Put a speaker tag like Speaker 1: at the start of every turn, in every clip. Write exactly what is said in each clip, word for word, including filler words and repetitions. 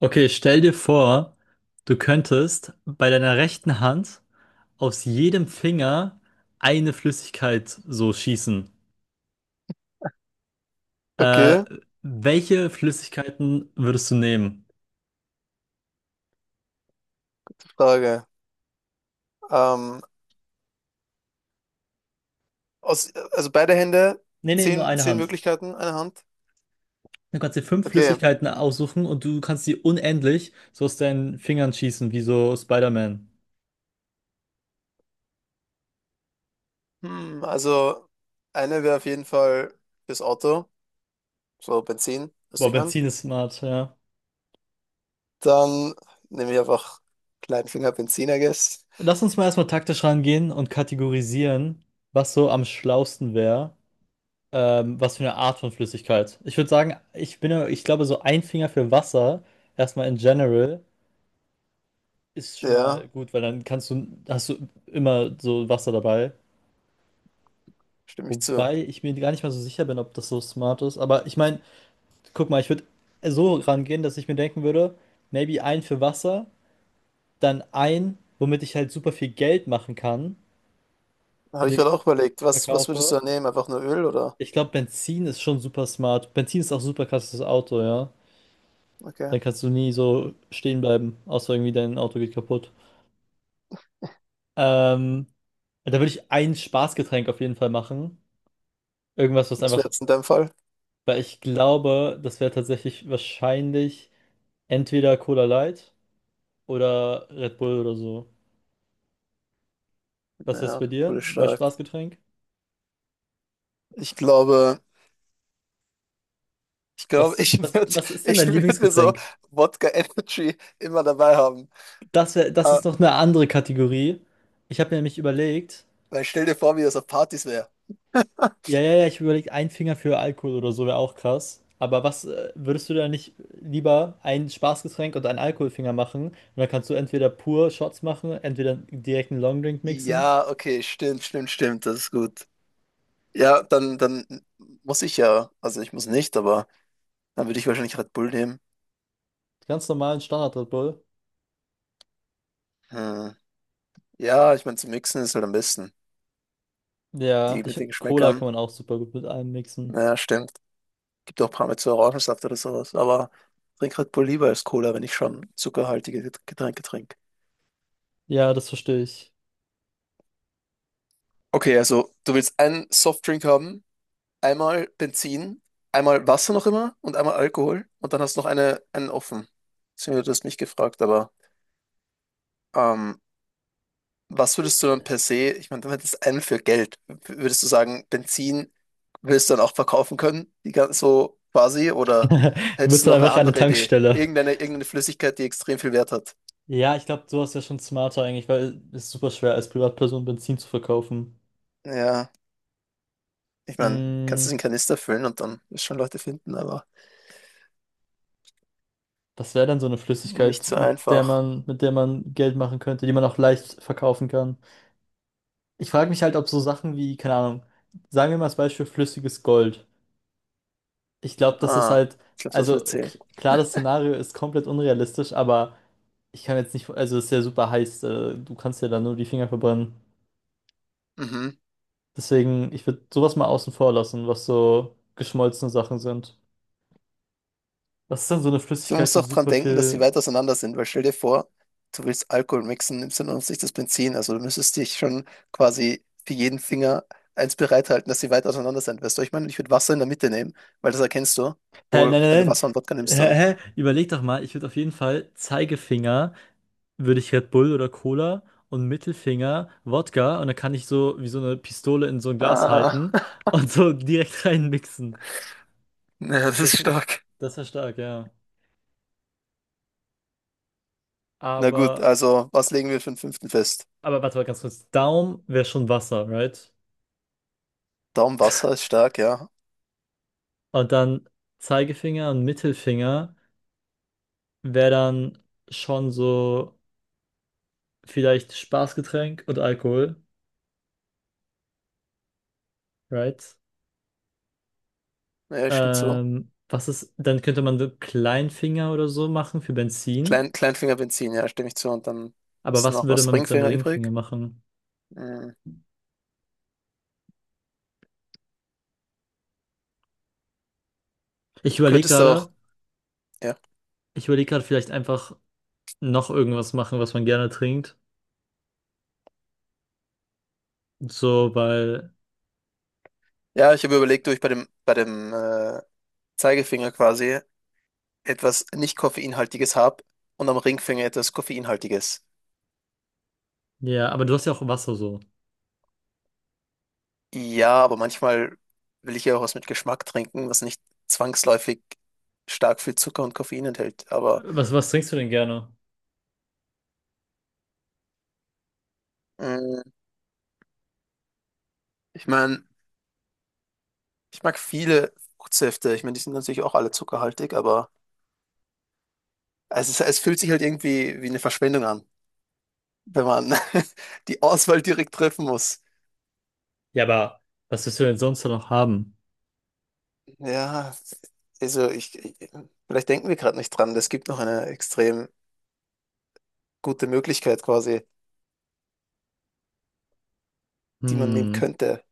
Speaker 1: Okay, stell dir vor, du könntest bei deiner rechten Hand aus jedem Finger eine Flüssigkeit so schießen. Äh,
Speaker 2: Okay,
Speaker 1: Welche Flüssigkeiten würdest du nehmen?
Speaker 2: Frage. Ähm, aus, also beide Hände,
Speaker 1: Nee, nee, nur
Speaker 2: zehn,
Speaker 1: eine
Speaker 2: zehn
Speaker 1: Hand.
Speaker 2: Möglichkeiten, eine Hand.
Speaker 1: Du kannst dir fünf
Speaker 2: Okay.
Speaker 1: Flüssigkeiten aussuchen und du kannst sie unendlich so aus deinen Fingern schießen, wie so Spider-Man.
Speaker 2: Hm, also eine wäre auf jeden Fall das Auto, so Benzin, weißt du,
Speaker 1: Boah,
Speaker 2: ich meine.
Speaker 1: Benzin ist smart, ja.
Speaker 2: Dann nehme ich einfach kleinen Finger Benzin, I guess.
Speaker 1: Lass uns mal erstmal taktisch rangehen und kategorisieren, was so am schlausten wäre. Ähm, was für eine Art von Flüssigkeit? Ich würde sagen, ich bin, ja- ich glaube, so ein Finger für Wasser, erstmal in general, ist schon
Speaker 2: Ja,
Speaker 1: mal gut, weil dann kannst du, hast du immer so Wasser dabei.
Speaker 2: stimme ich zu.
Speaker 1: Wobei ich mir gar nicht mal so sicher bin, ob das so smart ist. Aber ich meine, guck mal, ich würde so rangehen, dass ich mir denken würde, maybe ein für Wasser, dann ein, womit ich halt super viel Geld machen kann,
Speaker 2: Habe ich
Speaker 1: indem ich
Speaker 2: gerade
Speaker 1: das
Speaker 2: auch überlegt, was, was würdest
Speaker 1: verkaufe.
Speaker 2: du da nehmen? Einfach nur Öl oder?
Speaker 1: Ich glaube, Benzin ist schon super smart. Benzin ist auch super krasses Auto, ja.
Speaker 2: Okay.
Speaker 1: Dann kannst du nie so stehen bleiben, außer irgendwie dein Auto geht kaputt. Ähm, Da würde ich ein Spaßgetränk auf jeden Fall machen. Irgendwas, was
Speaker 2: Was wäre
Speaker 1: einfach,
Speaker 2: jetzt in deinem Fall?
Speaker 1: weil ich glaube, das wäre tatsächlich wahrscheinlich entweder Cola Light oder Red Bull oder so. Was ist
Speaker 2: Ja,
Speaker 1: bei dir
Speaker 2: wurde
Speaker 1: bei
Speaker 2: stark.
Speaker 1: Spaßgetränk?
Speaker 2: Ich glaube, ich glaube,
Speaker 1: Was,
Speaker 2: ich
Speaker 1: was,
Speaker 2: würde
Speaker 1: was ist denn
Speaker 2: ich
Speaker 1: dein
Speaker 2: würd mir so
Speaker 1: Lieblingsgetränk?
Speaker 2: Wodka Energy immer dabei haben.
Speaker 1: Das wär, das ist noch eine andere Kategorie. Ich habe mir nämlich überlegt,
Speaker 2: Weil stell dir vor, wie das auf Partys wäre.
Speaker 1: ja, ja, ja, ich überlege, ein Finger für Alkohol oder so wäre auch krass. Aber was äh, würdest du da nicht lieber ein Spaßgetränk und einen Alkoholfinger machen? Und dann kannst du entweder pur Shots machen, entweder direkt einen Longdrink mixen.
Speaker 2: Ja, okay, stimmt, stimmt, stimmt, das ist gut. Ja, dann, dann muss ich ja, also ich muss nicht, aber dann würde ich wahrscheinlich Red Bull nehmen.
Speaker 1: Ganz normalen Standard Red Bull.
Speaker 2: Hm. Ja, ich meine, zum Mixen ist halt am besten.
Speaker 1: Ja,
Speaker 2: Die
Speaker 1: ich
Speaker 2: mit den
Speaker 1: finde, Cola
Speaker 2: Geschmäckern,
Speaker 1: kann man auch super gut mit allem mixen.
Speaker 2: naja, stimmt. Gibt auch paar mit so Orangensaft oder sowas, aber trink Red Bull lieber als Cola, wenn ich schon zuckerhaltige Get- Getränke trinke.
Speaker 1: Ja, das verstehe ich.
Speaker 2: Okay, also du willst einen Softdrink haben, einmal Benzin, einmal Wasser noch immer und einmal Alkohol und dann hast du noch eine, einen offen. Beziehungsweise du hast mich gefragt, aber ähm, was würdest du dann per se, ich meine, du hättest einen für Geld. W- Würdest du sagen, Benzin willst du dann auch verkaufen können, die ganz so quasi, oder
Speaker 1: Du
Speaker 2: hättest
Speaker 1: bist
Speaker 2: du
Speaker 1: dann
Speaker 2: noch eine
Speaker 1: einfach eine
Speaker 2: andere Idee?
Speaker 1: Tankstelle.
Speaker 2: Irgendeine, irgendeine Flüssigkeit, die extrem viel Wert hat.
Speaker 1: Ja, ich glaube, sowas wäre schon smarter eigentlich, weil es ist super schwer, als Privatperson Benzin zu verkaufen.
Speaker 2: Ja, ich meine,
Speaker 1: Mm.
Speaker 2: kannst du es in Kanister füllen und dann wirst du schon Leute finden, aber
Speaker 1: Das wäre dann so eine
Speaker 2: nicht
Speaker 1: Flüssigkeit,
Speaker 2: so
Speaker 1: mit der
Speaker 2: einfach.
Speaker 1: man, mit der man Geld machen könnte, die man auch leicht verkaufen kann. Ich frage mich halt, ob so Sachen wie, keine Ahnung, sagen wir mal als Beispiel flüssiges Gold. Ich glaube, das ist
Speaker 2: Ah,
Speaker 1: halt,
Speaker 2: ich glaube, das
Speaker 1: also
Speaker 2: wird zählen.
Speaker 1: k- klar, das Szenario ist komplett unrealistisch, aber ich kann jetzt nicht, also es ist ja super heiß, äh, du kannst ja dann nur die Finger verbrennen.
Speaker 2: Mhm.
Speaker 1: Deswegen, ich würde sowas mal außen vor lassen, was so geschmolzene Sachen sind. Was ist dann so eine
Speaker 2: Du
Speaker 1: Flüssigkeit,
Speaker 2: musst
Speaker 1: die
Speaker 2: auch dran
Speaker 1: super
Speaker 2: denken, dass sie
Speaker 1: viel.
Speaker 2: weit auseinander sind, weil stell dir vor, du willst Alkohol mixen, nimmst dann auf sich das Benzin. Also du müsstest dich schon quasi für jeden Finger eins bereithalten, dass sie weit auseinander sind. Weißt du, ich meine, ich würde Wasser in der Mitte nehmen, weil das erkennst du.
Speaker 1: Hä, nein,
Speaker 2: Obwohl, wenn du
Speaker 1: nein,
Speaker 2: Wasser und Wodka
Speaker 1: nein.
Speaker 2: nimmst,
Speaker 1: Hä,
Speaker 2: dann.
Speaker 1: hä? Überleg doch mal, ich würde auf jeden Fall Zeigefinger, würde ich Red Bull oder Cola und Mittelfinger Wodka, und dann kann ich so wie so eine Pistole in so ein Glas
Speaker 2: Ah.
Speaker 1: halten und so direkt reinmixen.
Speaker 2: Ja,
Speaker 1: Das
Speaker 2: das
Speaker 1: wäre
Speaker 2: ist
Speaker 1: schon,
Speaker 2: stark.
Speaker 1: das wäre stark, ja.
Speaker 2: Na gut,
Speaker 1: Aber,
Speaker 2: also was legen wir für den fünften fest?
Speaker 1: aber warte mal ganz kurz. Daumen wäre schon Wasser, right?
Speaker 2: Daumen Wasser ist stark, ja.
Speaker 1: Und dann Zeigefinger und Mittelfinger wäre dann schon so vielleicht Spaßgetränk und Alkohol, right?
Speaker 2: Ja, stimmt zu.
Speaker 1: Ähm, was ist, dann könnte man so Kleinfinger oder so machen für Benzin.
Speaker 2: Klein, Kleinfinger Benzin, ja, stimme ich zu. Und dann
Speaker 1: Aber
Speaker 2: hast du
Speaker 1: was
Speaker 2: noch
Speaker 1: würde
Speaker 2: was
Speaker 1: man mit seinem
Speaker 2: Ringfinger
Speaker 1: Ringfinger
Speaker 2: übrig.
Speaker 1: machen?
Speaker 2: Hm.
Speaker 1: Ich
Speaker 2: Du
Speaker 1: überlege
Speaker 2: könntest auch.
Speaker 1: gerade,
Speaker 2: Ja.
Speaker 1: ich überlege gerade vielleicht einfach noch irgendwas machen, was man gerne trinkt. So, weil,
Speaker 2: Ja, ich habe überlegt, ob ich bei dem, bei dem äh, Zeigefinger quasi etwas nicht koffeinhaltiges habe und am Ringfinger etwas koffeinhaltiges.
Speaker 1: ja, aber du hast ja auch Wasser so.
Speaker 2: Ja, aber manchmal will ich ja auch was mit Geschmack trinken, was nicht zwangsläufig stark viel Zucker und Koffein enthält. Aber
Speaker 1: Was, was trinkst du denn gerne?
Speaker 2: mh, ich meine, ich mag viele Fruchtsäfte. Ich meine, die sind natürlich auch alle zuckerhaltig, aber es ist, es fühlt sich halt irgendwie wie eine Verschwendung an, wenn man die Auswahl direkt treffen muss.
Speaker 1: Ja, aber was willst du denn sonst noch haben?
Speaker 2: Ja, also ich, ich vielleicht denken wir gerade nicht dran. Es gibt noch eine extrem gute Möglichkeit quasi, die man nehmen
Speaker 1: Hm.
Speaker 2: könnte.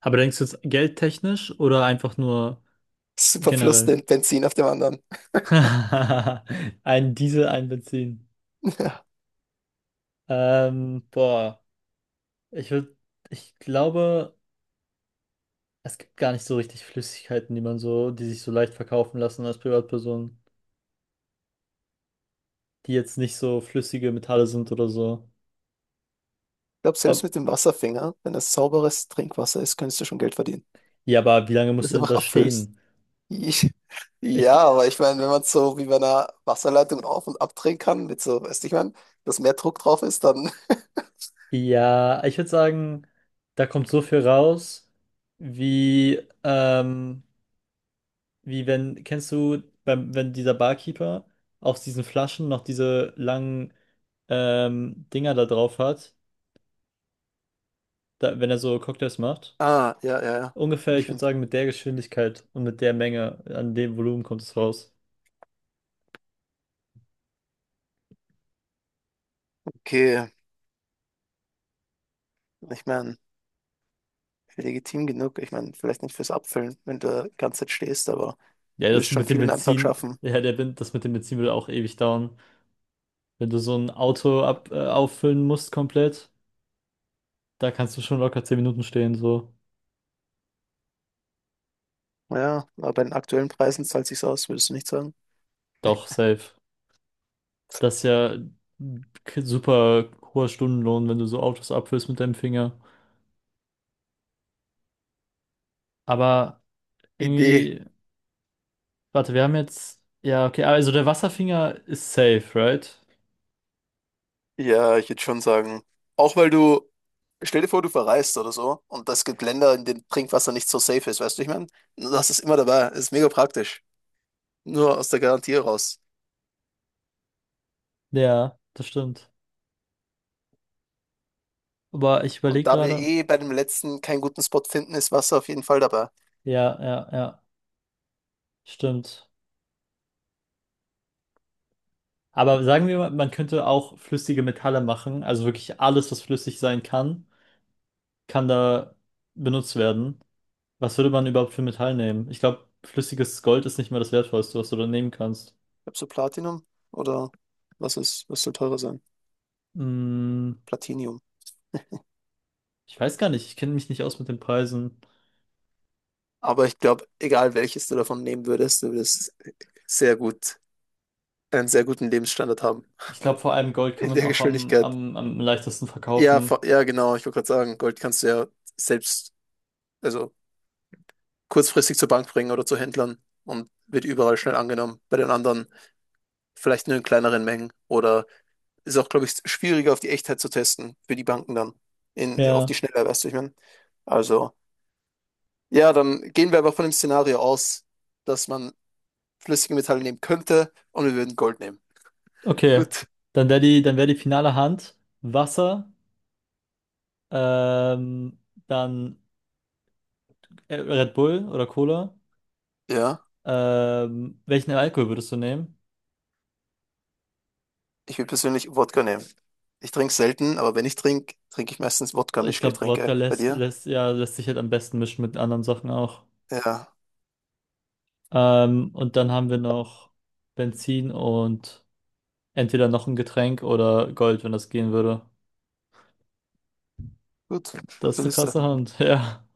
Speaker 1: Aber denkst du jetzt geldtechnisch oder einfach nur
Speaker 2: Super Fluss,
Speaker 1: generell?
Speaker 2: den Benzin auf dem anderen.
Speaker 1: Ein Diesel, ein Benzin.
Speaker 2: Ja.
Speaker 1: Ähm, boah. Ich würde, ich glaube, es gibt gar nicht so richtig Flüssigkeiten, die man so, die sich so leicht verkaufen lassen als Privatperson, die jetzt nicht so flüssige Metalle sind oder so.
Speaker 2: Ich glaube, selbst
Speaker 1: Ob,
Speaker 2: mit dem Wasserfinger, wenn es sauberes Trinkwasser ist, könntest du schon Geld verdienen.
Speaker 1: ja, aber wie lange
Speaker 2: Das
Speaker 1: musst du
Speaker 2: ist
Speaker 1: denn
Speaker 2: einfach
Speaker 1: das
Speaker 2: abfüllst.
Speaker 1: stehen?
Speaker 2: Ich, ja,
Speaker 1: Ich,
Speaker 2: aber
Speaker 1: äh,
Speaker 2: ich meine, wenn man so wie bei einer Wasserleitung auf- und abdrehen kann, mit so, weißt du, ich meine, dass mehr Druck drauf ist, dann.
Speaker 1: ja, ich würde sagen, da kommt so viel raus, wie, ähm, wie wenn, kennst du, beim, wenn dieser Barkeeper aus diesen Flaschen noch diese langen, ähm, Dinger da drauf hat, da, wenn er so Cocktails macht?
Speaker 2: Ah, ja, ja, ja.
Speaker 1: Ungefähr, ich würde
Speaker 2: Bestimmt.
Speaker 1: sagen, mit der Geschwindigkeit und mit der Menge, an dem Volumen kommt es raus.
Speaker 2: Okay, ich meine, legitim genug. Ich meine, vielleicht nicht fürs Abfüllen, wenn du die ganze Zeit stehst, aber
Speaker 1: Ja,
Speaker 2: du wirst
Speaker 1: das
Speaker 2: schon
Speaker 1: mit dem
Speaker 2: viel in einem Tag
Speaker 1: Benzin,
Speaker 2: schaffen.
Speaker 1: ja, der, Ben- das mit dem Benzin würde auch ewig dauern. Wenn du so ein Auto ab, äh, auffüllen musst komplett, da kannst du schon locker zehn Minuten stehen, so.
Speaker 2: Ja, aber bei den aktuellen Preisen zahlt sich's aus, würdest du nicht sagen?
Speaker 1: Doch, safe. Das ist ja ein k- super hoher Stundenlohn, wenn du so Autos abfüllst mit deinem Finger. Aber
Speaker 2: Idee.
Speaker 1: irgendwie, warte, wir haben jetzt, ja, okay, also der Wasserfinger ist safe, right?
Speaker 2: Ja, ich würde schon sagen. Auch weil du, stell dir vor, du verreist oder so und es gibt Länder, in denen Trinkwasser nicht so safe ist, weißt du, ich meine? Du hast es immer dabei, es ist mega praktisch. Nur aus der Garantie raus.
Speaker 1: Ja, das stimmt. Aber ich
Speaker 2: Und
Speaker 1: überlege
Speaker 2: da wir
Speaker 1: gerade.
Speaker 2: eh bei dem letzten keinen guten Spot finden, ist Wasser auf jeden Fall dabei.
Speaker 1: Ja, ja, ja, stimmt. Aber sagen wir mal, man könnte auch flüssige Metalle machen. Also wirklich alles, was flüssig sein kann, kann da benutzt werden. Was würde man überhaupt für Metall nehmen? Ich glaube, flüssiges Gold ist nicht mehr das Wertvollste, was du da nehmen kannst.
Speaker 2: Ich glaube, so Platinum oder was ist, was soll teurer sein?
Speaker 1: Hm,
Speaker 2: Platinium.
Speaker 1: ich weiß gar nicht. Ich kenne mich nicht aus mit den Preisen.
Speaker 2: Aber ich glaube, egal welches du davon nehmen würdest, du würdest sehr gut, einen sehr guten Lebensstandard haben.
Speaker 1: Ich glaube, vor allem Gold kann
Speaker 2: In
Speaker 1: man
Speaker 2: der
Speaker 1: auch am,
Speaker 2: Geschwindigkeit.
Speaker 1: am, am leichtesten
Speaker 2: Ja,
Speaker 1: verkaufen.
Speaker 2: vor- ja, genau. Ich wollte gerade sagen, Gold kannst du ja selbst, also kurzfristig zur Bank bringen oder zu Händlern und wird überall schnell angenommen. Bei den anderen vielleicht nur in kleineren Mengen oder ist auch, glaube ich, schwieriger auf die Echtheit zu testen für die Banken dann. In, auf die
Speaker 1: Ja,
Speaker 2: Schnelle, weißt du, ich meine. Also, ja, dann gehen wir aber von dem Szenario aus, dass man flüssige Metalle nehmen könnte und wir würden Gold nehmen.
Speaker 1: okay.
Speaker 2: Gut.
Speaker 1: Dann wäre die, dann wäre die finale Hand Wasser, ähm, dann äh, Red Bull oder Cola.
Speaker 2: Ja,
Speaker 1: Ähm, welchen Alkohol würdest du nehmen?
Speaker 2: ich will persönlich Wodka nehmen. Ich trinke selten, aber wenn ich trinke, trinke ich meistens
Speaker 1: Ich glaube, Wodka
Speaker 2: Wodka-Mischgetränke. Bei
Speaker 1: lässt,
Speaker 2: dir?
Speaker 1: lässt, ja, lässt sich halt am besten mischen mit anderen Sachen auch.
Speaker 2: Ja,
Speaker 1: Ähm, und dann haben wir noch Benzin und entweder noch ein Getränk oder Gold, wenn das gehen würde.
Speaker 2: gut,
Speaker 1: Das
Speaker 2: gute
Speaker 1: ist eine
Speaker 2: Liste.
Speaker 1: krasse Hand, ja.